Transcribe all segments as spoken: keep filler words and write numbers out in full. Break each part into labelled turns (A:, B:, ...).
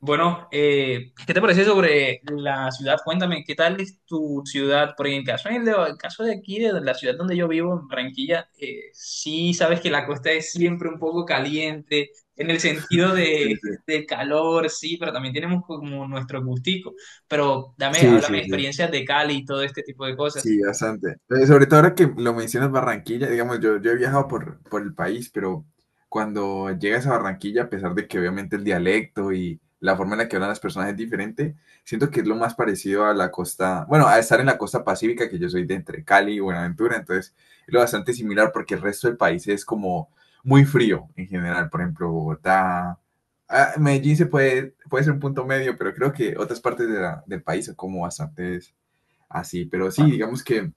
A: Bueno, eh, ¿qué te parece sobre la ciudad? Cuéntame, ¿qué tal es tu ciudad? Porque en caso, en el de, el caso de aquí, de la ciudad donde yo vivo, en Barranquilla, eh, sí sabes que la costa es siempre un poco caliente, en el sentido
B: Sí,
A: de, de calor, sí, pero también tenemos como nuestro gustico. Pero dame,
B: sí,
A: háblame
B: sí, sí,
A: de
B: sí.
A: experiencias de Cali y todo este tipo de cosas.
B: Sí, bastante. Eh, Sobre todo ahora que lo mencionas Barranquilla, digamos, yo, yo he viajado por, por el país, pero cuando llegas a Barranquilla, a pesar de que obviamente el dialecto y la forma en la que hablan las personas es diferente, siento que es lo más parecido a la costa, bueno, a estar en la costa pacífica, que yo soy de entre Cali y Buenaventura, entonces es lo bastante similar porque el resto del país es como muy frío en general, por ejemplo, Bogotá. ah, Medellín se puede, puede ser un punto medio, pero creo que otras partes de la- del país son como bastante así. Pero sí, digamos que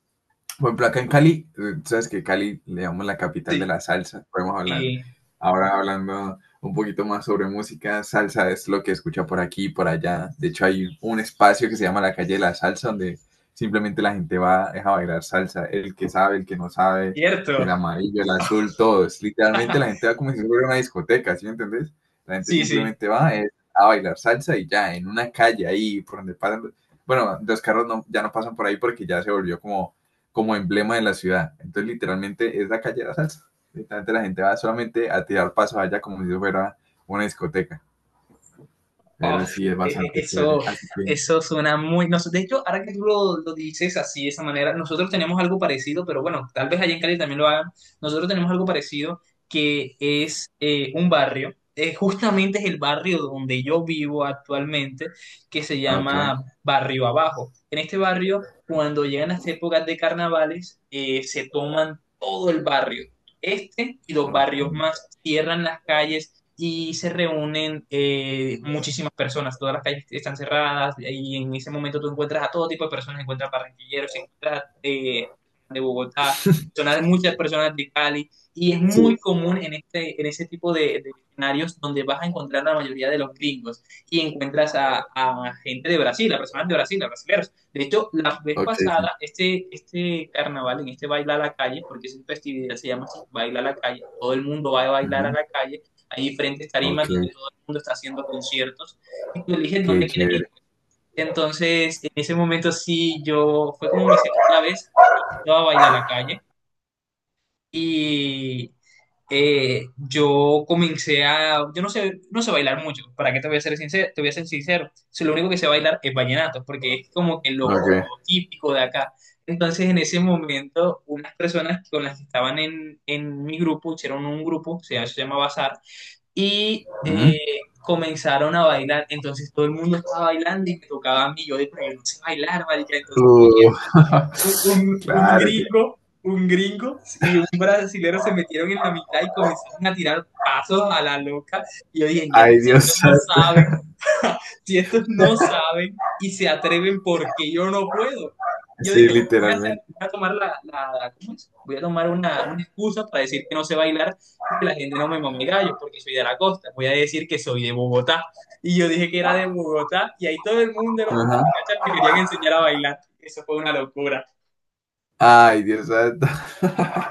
B: por ejemplo, acá en Cali, eh, sabes que Cali le llamamos la capital de
A: Sí,
B: la salsa. Podemos hablar
A: y-
B: ahora hablando un poquito más sobre música. Salsa es lo que escucha por aquí y por allá. De hecho, hay un espacio que se llama la calle de la salsa, donde simplemente la gente va es a bailar salsa. El que sabe, el que no sabe, el
A: cierto.
B: amarillo, el azul, todos. Literalmente la gente va como si fuera una discoteca, ¿sí me entendés? La gente
A: Sí, sí.
B: simplemente va eh, a bailar salsa y ya, en una calle ahí por donde pasan. Bueno, los carros no, ya no pasan por ahí porque ya se volvió como como emblema de la ciudad. Entonces, literalmente es la calle de la salsa. Literalmente la gente va solamente a tirar pasos allá como si fuera una discoteca.
A: Oh,
B: Pero sí, es
A: e- e-
B: bastante
A: eso,
B: chévere. Así que,
A: eso suena muy. Nos- de hecho, ahora que tú lo, lo dices así, de esa manera, nosotros tenemos algo parecido, pero bueno, tal vez allá en Cali también lo hagan. Nosotros tenemos algo parecido que es eh, un barrio. Eh, justamente es el barrio donde yo vivo actualmente, que se
B: ok.
A: llama Barrio Abajo. En este barrio, cuando llegan las épocas de carnavales, eh, se toman todo el barrio. Este y los barrios más cierran las calles y se reúnen eh, muchísimas personas, todas las calles están cerradas y en ese momento tú encuentras a todo tipo de personas, encuentras barranquilleros, encuentras eh, de Bogotá, personas, muchas personas de Cali y es
B: Sí,
A: muy común en, este, en ese tipo de, de escenarios donde vas a encontrar la mayoría de los gringos y encuentras a, a gente de Brasil, a personas de Brasil, a brasileños. De hecho, la vez
B: ok, sí.
A: pasada, este, este carnaval, en este baila a la calle, porque es una festividad, se llama así, baila a la calle, todo el mundo va a bailar a
B: Ajá,
A: la calle, hay diferentes tarimas
B: ok,
A: donde todo el mundo está haciendo conciertos y tú eliges
B: qué
A: dónde quieres ir.
B: chévere.
A: Entonces, en ese momento sí, yo fue como mi segunda vez y yo a bailar a la calle y eh, yo comencé a, yo no sé, no sé bailar mucho, ¿para qué te voy a ser sincero? Te voy a ser sincero, si lo único que sé bailar es vallenato, porque es como que lo,
B: Ok.
A: lo típico de acá. Entonces, en ese momento, unas personas con las que estaban en, en mi grupo, hicieron un grupo, se, se llama Bazar, y
B: Ujú.
A: eh, comenzaron a bailar. Entonces todo el mundo estaba bailando y me tocaba a mí. Yo dije, pero yo no sé bailar, marica. Entonces
B: Uh,
A: cogieron un, un- un
B: claro que.
A: gringo, un gringo y un brasilero se metieron en la mitad y comenzaron a tirar pasos a la loca. Y yo dije, mierda,
B: Ay,
A: si
B: Dios
A: estos no
B: santo.
A: saben, si estos no saben y se atreven porque yo no puedo. Yo
B: Sí,
A: dije, voy a, hacer-
B: literalmente.
A: voy a tomar la, la- la- ¿cómo es? Voy a tomar una, una excusa para decir que no sé bailar y que la gente no me mame gallo porque soy de la costa. Voy a decir que soy de Bogotá. Y yo dije que era de Bogotá y ahí todo el mundo, los
B: Ajá.
A: muchachas me querían enseñar a bailar. Eso fue una locura.
B: Ay, Dios santo.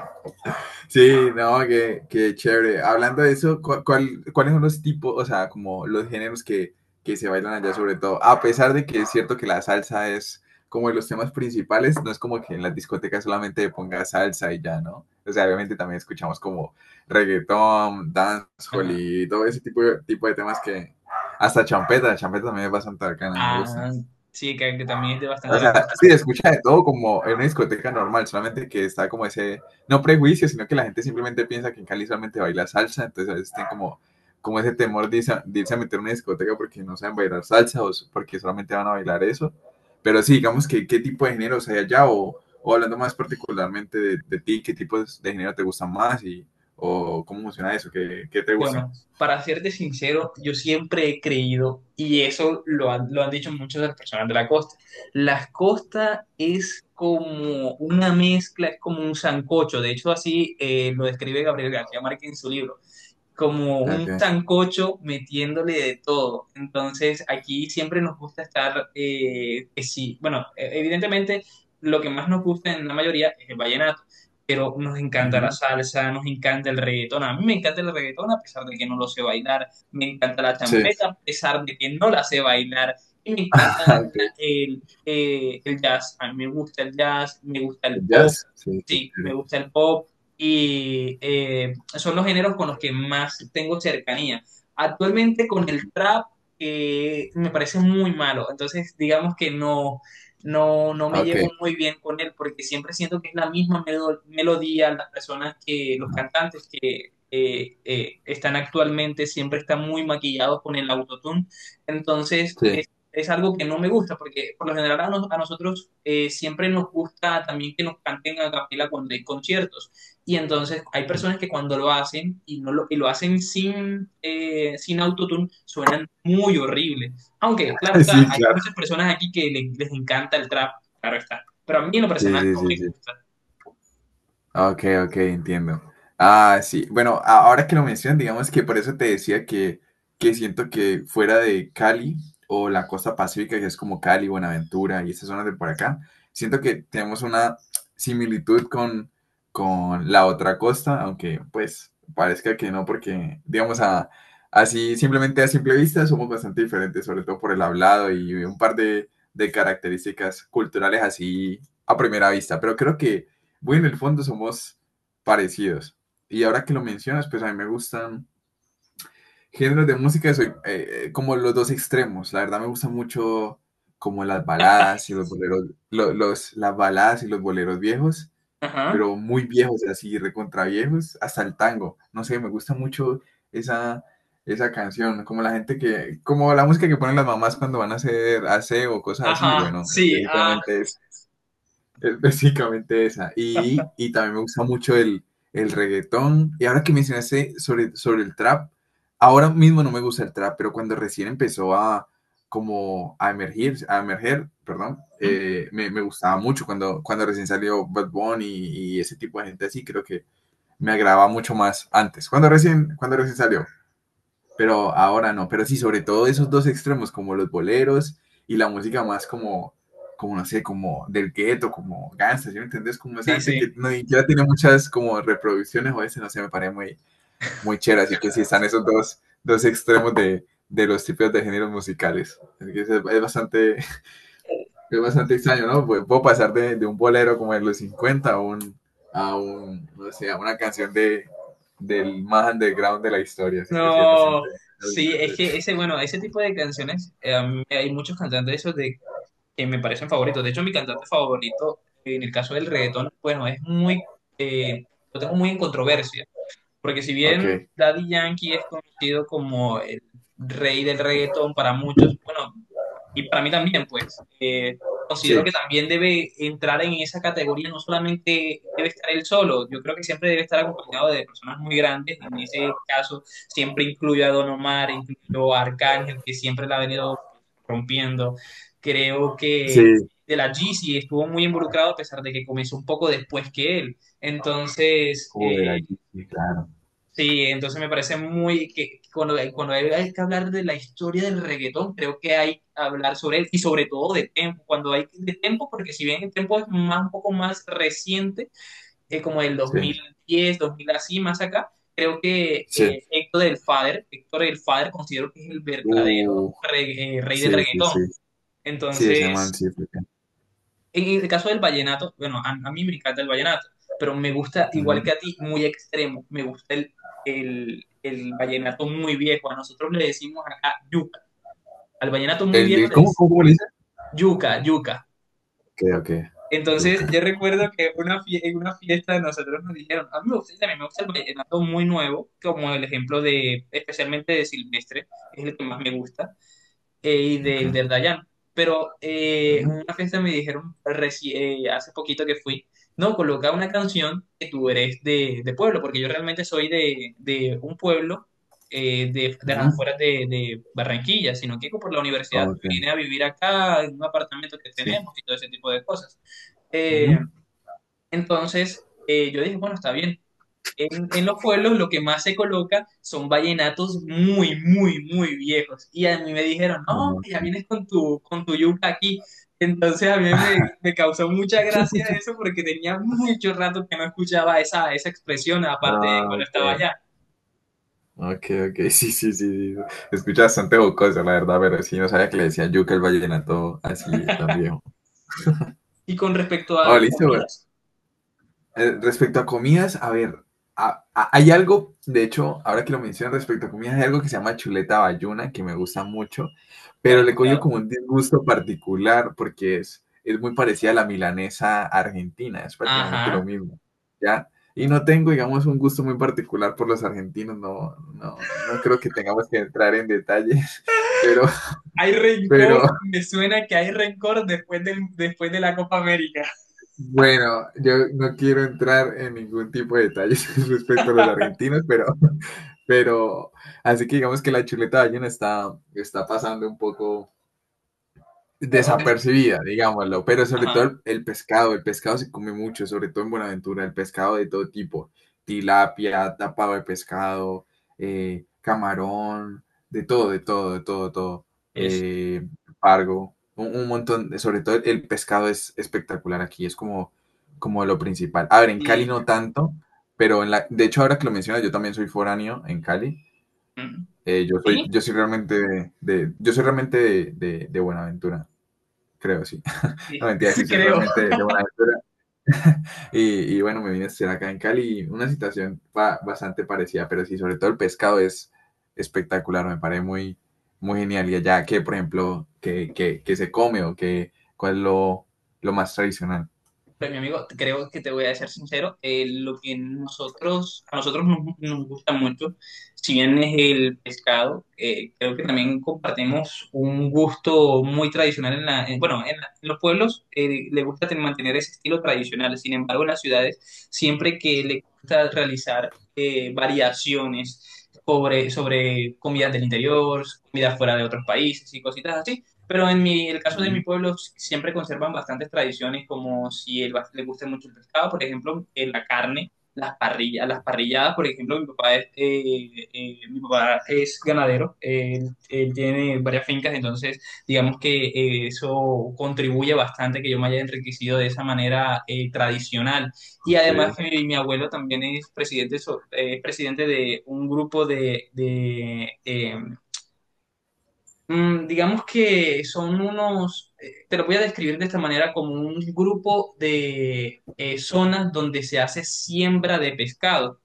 B: Sí, no, que, que chévere. Hablando de eso, ¿cu- cuál, ¿cuáles son los tipos, o sea, como los géneros que, que se bailan allá sobre todo? A pesar de que es cierto que la salsa es como de los temas principales, no es como que en las discotecas solamente ponga salsa y ya, ¿no? O sea, obviamente también escuchamos como reggaetón, dancehall
A: Ajá.
B: y todo ese tipo de, tipo de temas que hasta champeta, champeta también es bastante arcana, me gusta.
A: Ah, sí, que, que también es de
B: O
A: bastante la
B: sea,
A: costa.
B: sí, escucha de todo como en una discoteca normal, solamente que está como ese, no prejuicio, sino que la gente simplemente piensa que en Cali solamente baila salsa, entonces a veces tienen como, como ese temor de irse, a, de irse a meter en una discoteca porque no saben bailar salsa o porque solamente van a bailar eso. Pero sí, digamos que qué tipo de géneros hay allá o, o hablando más particularmente de, de, ti, qué tipos de género te gustan más y o cómo funciona eso, qué, qué te gusta.
A: Bueno, para serte sincero, yo siempre he creído, y eso lo han, lo han dicho muchas de las personas de la costa, la costa es como una mezcla, es como un sancocho, de hecho así eh, lo describe Gabriel García Márquez en su libro, como un
B: Ok.
A: sancocho metiéndole de todo. Entonces, aquí siempre nos gusta estar, eh, que sí, bueno, eh, evidentemente lo que más nos gusta en la mayoría es el vallenato, pero nos encanta la
B: Ujú.
A: salsa, nos encanta el reggaetón. A mí me encanta el reggaetón a pesar de que no lo sé bailar, me encanta la
B: Sí.
A: champeta a pesar de que no la sé bailar, y me encanta la-
B: ok.
A: la- el, eh, el jazz, a mí me gusta el jazz, me gusta el
B: El
A: pop.
B: jazz. Sí, qué
A: Sí, me
B: chévere.
A: gusta el pop y eh, son los géneros con los que más tengo cercanía. Actualmente con el trap eh, me parece muy malo, entonces digamos que no, no, no me
B: Ok.
A: llevo muy bien con él porque siempre siento que es la misma melo- melodía, las personas que, los cantantes que eh, eh, están actualmente siempre están muy maquillados con el autotune, entonces
B: Sí.
A: es algo que no me gusta, porque por lo general a, nos- a nosotros eh, siempre nos gusta también que nos canten a capela cuando hay conciertos. Y entonces hay personas que cuando lo hacen y, no lo, y lo hacen sin, eh, sin autotune, suenan muy horrible. Aunque, claro está,
B: Sí,
A: hay
B: claro.
A: muchas personas aquí que le- les encanta el trap, claro está. Pero a mí en lo
B: Sí,
A: personal
B: sí,
A: no
B: sí,
A: me
B: sí.
A: gusta.
B: Ok, ok, entiendo. Ah, sí. Bueno, a- ahora que lo mencionas, digamos que por eso te decía que, que siento que fuera de Cali o la costa pacífica, que es como Cali, Buenaventura y esas zonas de por acá, siento que tenemos una similitud con, con la otra costa, aunque pues parezca que no, porque digamos a, así simplemente a simple vista somos bastante diferentes, sobre todo por el hablado y un par de, de características culturales así a primera vista, pero creo que bueno, en el fondo somos parecidos. Y ahora que lo mencionas, pues a mí me gustan géneros de música, soy eh, eh, como los dos extremos. La verdad me gusta mucho como las baladas y los boleros, lo- los, las baladas y los boleros viejos,
A: Ajá,
B: pero muy viejos, así recontra viejos, hasta el tango. No sé, me gusta mucho esa, esa canción, como la gente que, como la música que ponen las mamás cuando van a hacer aseo o cosas así,
A: ajá,
B: bueno,
A: sí, ah.
B: específicamente es básicamente esa. Y, y también me gusta mucho el, el reggaetón. Y ahora que mencionaste sobre, sobre el trap, ahora mismo no me gusta el trap, pero cuando recién empezó a como a emergir, a emerger, perdón,
A: ¿Mm?
B: eh, me, me gustaba mucho cuando, cuando recién salió Bad Bunny y, y ese tipo de gente así, creo que me agradaba mucho más antes. Cuando recién, cuando recién salió, pero ahora no. Pero sí, sobre todo esos dos extremos, como los boleros y la música más como, como no sé, como del gueto, como gansas, ¿sí me entendés? Como esa
A: Sí,
B: gente
A: sí.
B: que no, ni siquiera tiene muchas como reproducciones o a veces, no sé, me parece muy, muy chévere. Así que sí, están esos dos, dos extremos de, de los tipos de géneros musicales. Así que es, es bastante, es bastante extraño, ¿no? Pues puedo pasar de, de un bolero como en los cincuenta a un, a un, no sé, a una canción de, del más underground de la historia. Así que sí, es bastante.
A: No, sí, es que ese, bueno, ese tipo de canciones, eh, a mí- hay muchos cantantes esos de que me parecen favoritos. De hecho, mi cantante favorito, en el caso del reggaetón, bueno, es muy, eh, lo tengo muy en controversia, porque si bien
B: Ok.
A: Daddy Yankee es conocido como el rey del reggaetón para muchos, bueno, y para mí también, pues, eh,
B: Sí,
A: considero que también debe entrar en esa categoría, no solamente debe estar él solo, yo creo que siempre debe estar acompañado de personas muy grandes, en ese caso siempre incluyo a Don Omar, incluyo a Arcángel, que siempre la ha venido rompiendo, creo que
B: sí.
A: de la G C estuvo muy involucrado a pesar de que comenzó un poco después que él, entonces
B: Joder,
A: eh.
B: allí, sí, claro.
A: Sí, entonces me parece muy que cuando, cuando hay, hay que hablar de la historia del reggaetón, creo que hay que hablar sobre él y sobre todo de Tempo, cuando hay de Tempo, porque si bien el Tempo es más, un poco más reciente, eh, como del dos
B: Sí,
A: mil diez, dos mil así, más acá, creo que
B: sí.
A: eh, Héctor del Father, Héctor del Father considero que es el
B: Uh,
A: verdadero re- eh, rey del
B: sí, sí, sí.
A: reggaetón.
B: Sí, ese man
A: Entonces,
B: sí fue bien.
A: en el caso del vallenato, bueno, a, a mí me encanta el vallenato, pero me gusta, igual que
B: Ujú.
A: a ti, muy extremo. Me gusta el, el, el vallenato muy viejo. A nosotros le decimos acá yuca. Al vallenato muy
B: El,
A: viejo
B: el-
A: le
B: ¿cómo,
A: decimos
B: cómo, cómo le dice?
A: yuca, yuca.
B: Ok, ok. Yuca.
A: Entonces, yo recuerdo que una fie- en una fiesta nosotros nos dijeron, a mí me gusta, también me gusta el vallenato muy nuevo, como el ejemplo de, especialmente de Silvestre, es el que más me gusta eh, y
B: Ok.
A: del del Dayan. Pero eh, en una
B: Ujú,
A: fiesta me dijeron reci- eh, hace poquito que fui, no, coloca una canción que tú eres de, de pueblo, porque yo realmente soy de, de un pueblo eh, de, de las
B: ujú.
A: afueras de, de Barranquilla, sino que por la universidad
B: Ok,
A: vine a vivir acá, en un apartamento que
B: sí.
A: tenemos y todo ese tipo de cosas.
B: Ujú.
A: Eh, entonces, eh, yo dije, bueno, está bien en, en los pueblos lo que más se coloca son vallenatos muy, muy, muy viejos. Y a mí me dijeron, no, hombre, ya
B: Ok,
A: vienes con tu, con tu yuca aquí. Entonces a mí me, me causó mucha gracia eso porque tenía mucho rato que no escuchaba esa, esa expresión, aparte de cuando
B: ok,
A: estaba allá.
B: ok, ok, sí, sí, sí, sí. Escucha bastante jocosa, la verdad, pero sí, no sabía que le decían yuca el vallenato así tan viejo.
A: Y con respecto
B: Oh,
A: a
B: listo.
A: comidas,
B: Eh, respecto a comidas, a ver, a- a- hay algo, de hecho, ahora que lo mencionan respecto a comidas, hay algo que se llama chuleta bayuna, que me gusta mucho,
A: nunca la
B: pero le he cogido
A: escuchado.
B: como un disgusto particular porque es, es muy parecida a la milanesa argentina, es prácticamente lo
A: Ajá.
B: mismo, ¿ya? Y no tengo, digamos, un gusto muy particular por los argentinos, no, no, no creo que tengamos que entrar en detalles, pero,
A: Hay
B: pero,
A: rencor, me suena que hay rencor después del, después de la Copa América.
B: Bueno, yo no quiero entrar en ningún tipo de detalles respecto a los argentinos, pero, pero así que digamos que la chuleta de ballena está, está pasando un poco,
A: Hombre.
B: desapercibida, digámoslo, pero sobre todo
A: Ajá.
B: el, el pescado, el pescado se come mucho, sobre todo en Buenaventura, el pescado de todo tipo, tilapia, tapado de pescado, eh, camarón, de todo, de todo, de todo, de todo,
A: Es,
B: eh, pargo, un, un montón, de- sobre todo el pescado es espectacular aquí, es como, como lo principal. A ver, en Cali
A: sí.
B: no tanto, pero en la, de hecho ahora que lo mencionas, yo también soy foráneo en Cali.
A: Mm.
B: Eh, yo soy,
A: ¿Sí?
B: yo soy realmente de, de- yo soy realmente de, de de Buenaventura, creo, sí. No,
A: Sí,
B: mentira, sí, soy
A: creo.
B: realmente de Buenaventura. Y, y bueno, me vine a estudiar acá en Cali. Una situación ba- bastante parecida, pero sí, sobre todo el pescado es espectacular. Me parece muy, muy genial. ¿Y allá, qué por ejemplo, que, que, que se come o que, cuál es lo, lo más tradicional?
A: Pero mi amigo, creo que te voy a ser sincero, eh, lo que nosotros, a nosotros nos, nos gusta mucho, si bien es el pescado, eh, creo que también compartimos un gusto muy tradicional en la, en- bueno, en, la- en los pueblos eh, le gusta ten- mantener ese estilo tradicional, sin embargo, en las ciudades siempre que le gusta realizar eh, variaciones sobre, sobre comidas del interior, comidas fuera de otros países y cositas así. Pero en mi, el caso de mi
B: Mm,
A: pueblo siempre conservan bastantes tradiciones, como si el- le gusta mucho el pescado, por ejemplo, eh, la carne, las parrillas, las parrilladas, por ejemplo, mi papá es, eh, eh, mi papá es ganadero, eh, él, él tiene varias fincas, entonces digamos que eh, eso contribuye bastante que yo me haya enriquecido de esa manera eh, tradicional. Y
B: ok,
A: además que mi, mi abuelo también es presidente, so- eh, es presidente de un grupo de, de, eh. Mm, digamos que son unos, eh, te lo voy a describir de esta manera, como un grupo de eh, zonas donde se hace siembra de pescado.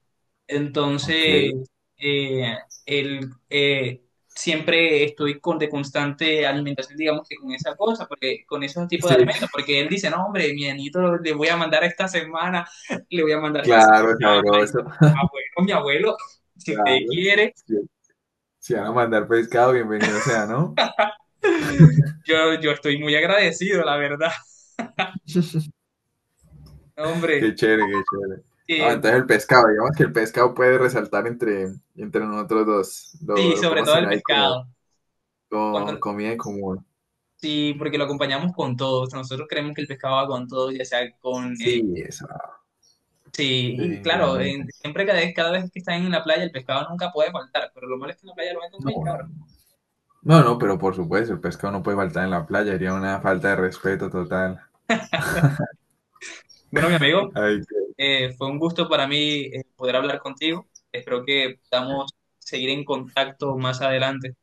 B: ok.
A: Entonces, eh, el, eh, siempre estoy con de constante alimentación, digamos que con esa cosa, porque con esos tipos
B: Sí,
A: de alimentos, porque él dice, no, hombre, mi anito lo- le voy a mandar esta semana, le voy a mandar que se
B: claro,
A: llama, y,
B: sabroso.
A: "Ah, bueno, mi abuelo, si
B: Claro.
A: usted quiere,
B: Sí, si van a mandar pescado, bienvenido sea, ¿no?
A: yo, yo estoy muy agradecido, la verdad.
B: Qué
A: Hombre.
B: chévere, qué chévere. Ah,
A: Eh,
B: entonces el pescado, digamos que el pescado puede resaltar entre, entre nosotros dos.
A: sí,
B: Lo, lo
A: sobre
B: podemos
A: todo
B: tener
A: el
B: ahí como,
A: pescado.
B: como
A: Cuando,
B: comida en común.
A: sí, porque lo acompañamos con todo. O sea, nosotros creemos que el pescado va con todo, ya sea con... eh,
B: Sí, eso,
A: sí, y claro,
B: definitivamente.
A: en- siempre cada vez, cada vez que están en la playa, el pescado nunca puede faltar, pero lo malo es que en la playa lo venden
B: No,
A: muy
B: no,
A: caro.
B: no. No, no, pero por supuesto, el pescado no puede faltar en la playa, sería una falta de respeto total.
A: Bueno, mi amigo,
B: Ay, qué-
A: eh, fue un gusto para mí eh, poder hablar contigo. Espero que podamos seguir en contacto más adelante.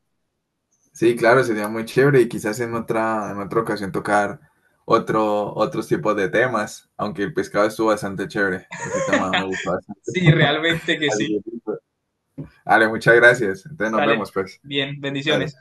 B: sí, claro, sería muy chévere y quizás en otra, en otra ocasión tocar otro, otros tipos de temas, aunque el pescado estuvo bastante chévere. Ese tema me gustó bastante.
A: Sí, realmente que sí.
B: Vale, muchas gracias. Entonces nos
A: Dale,
B: vemos, pues.
A: bien, bendiciones.
B: Dale.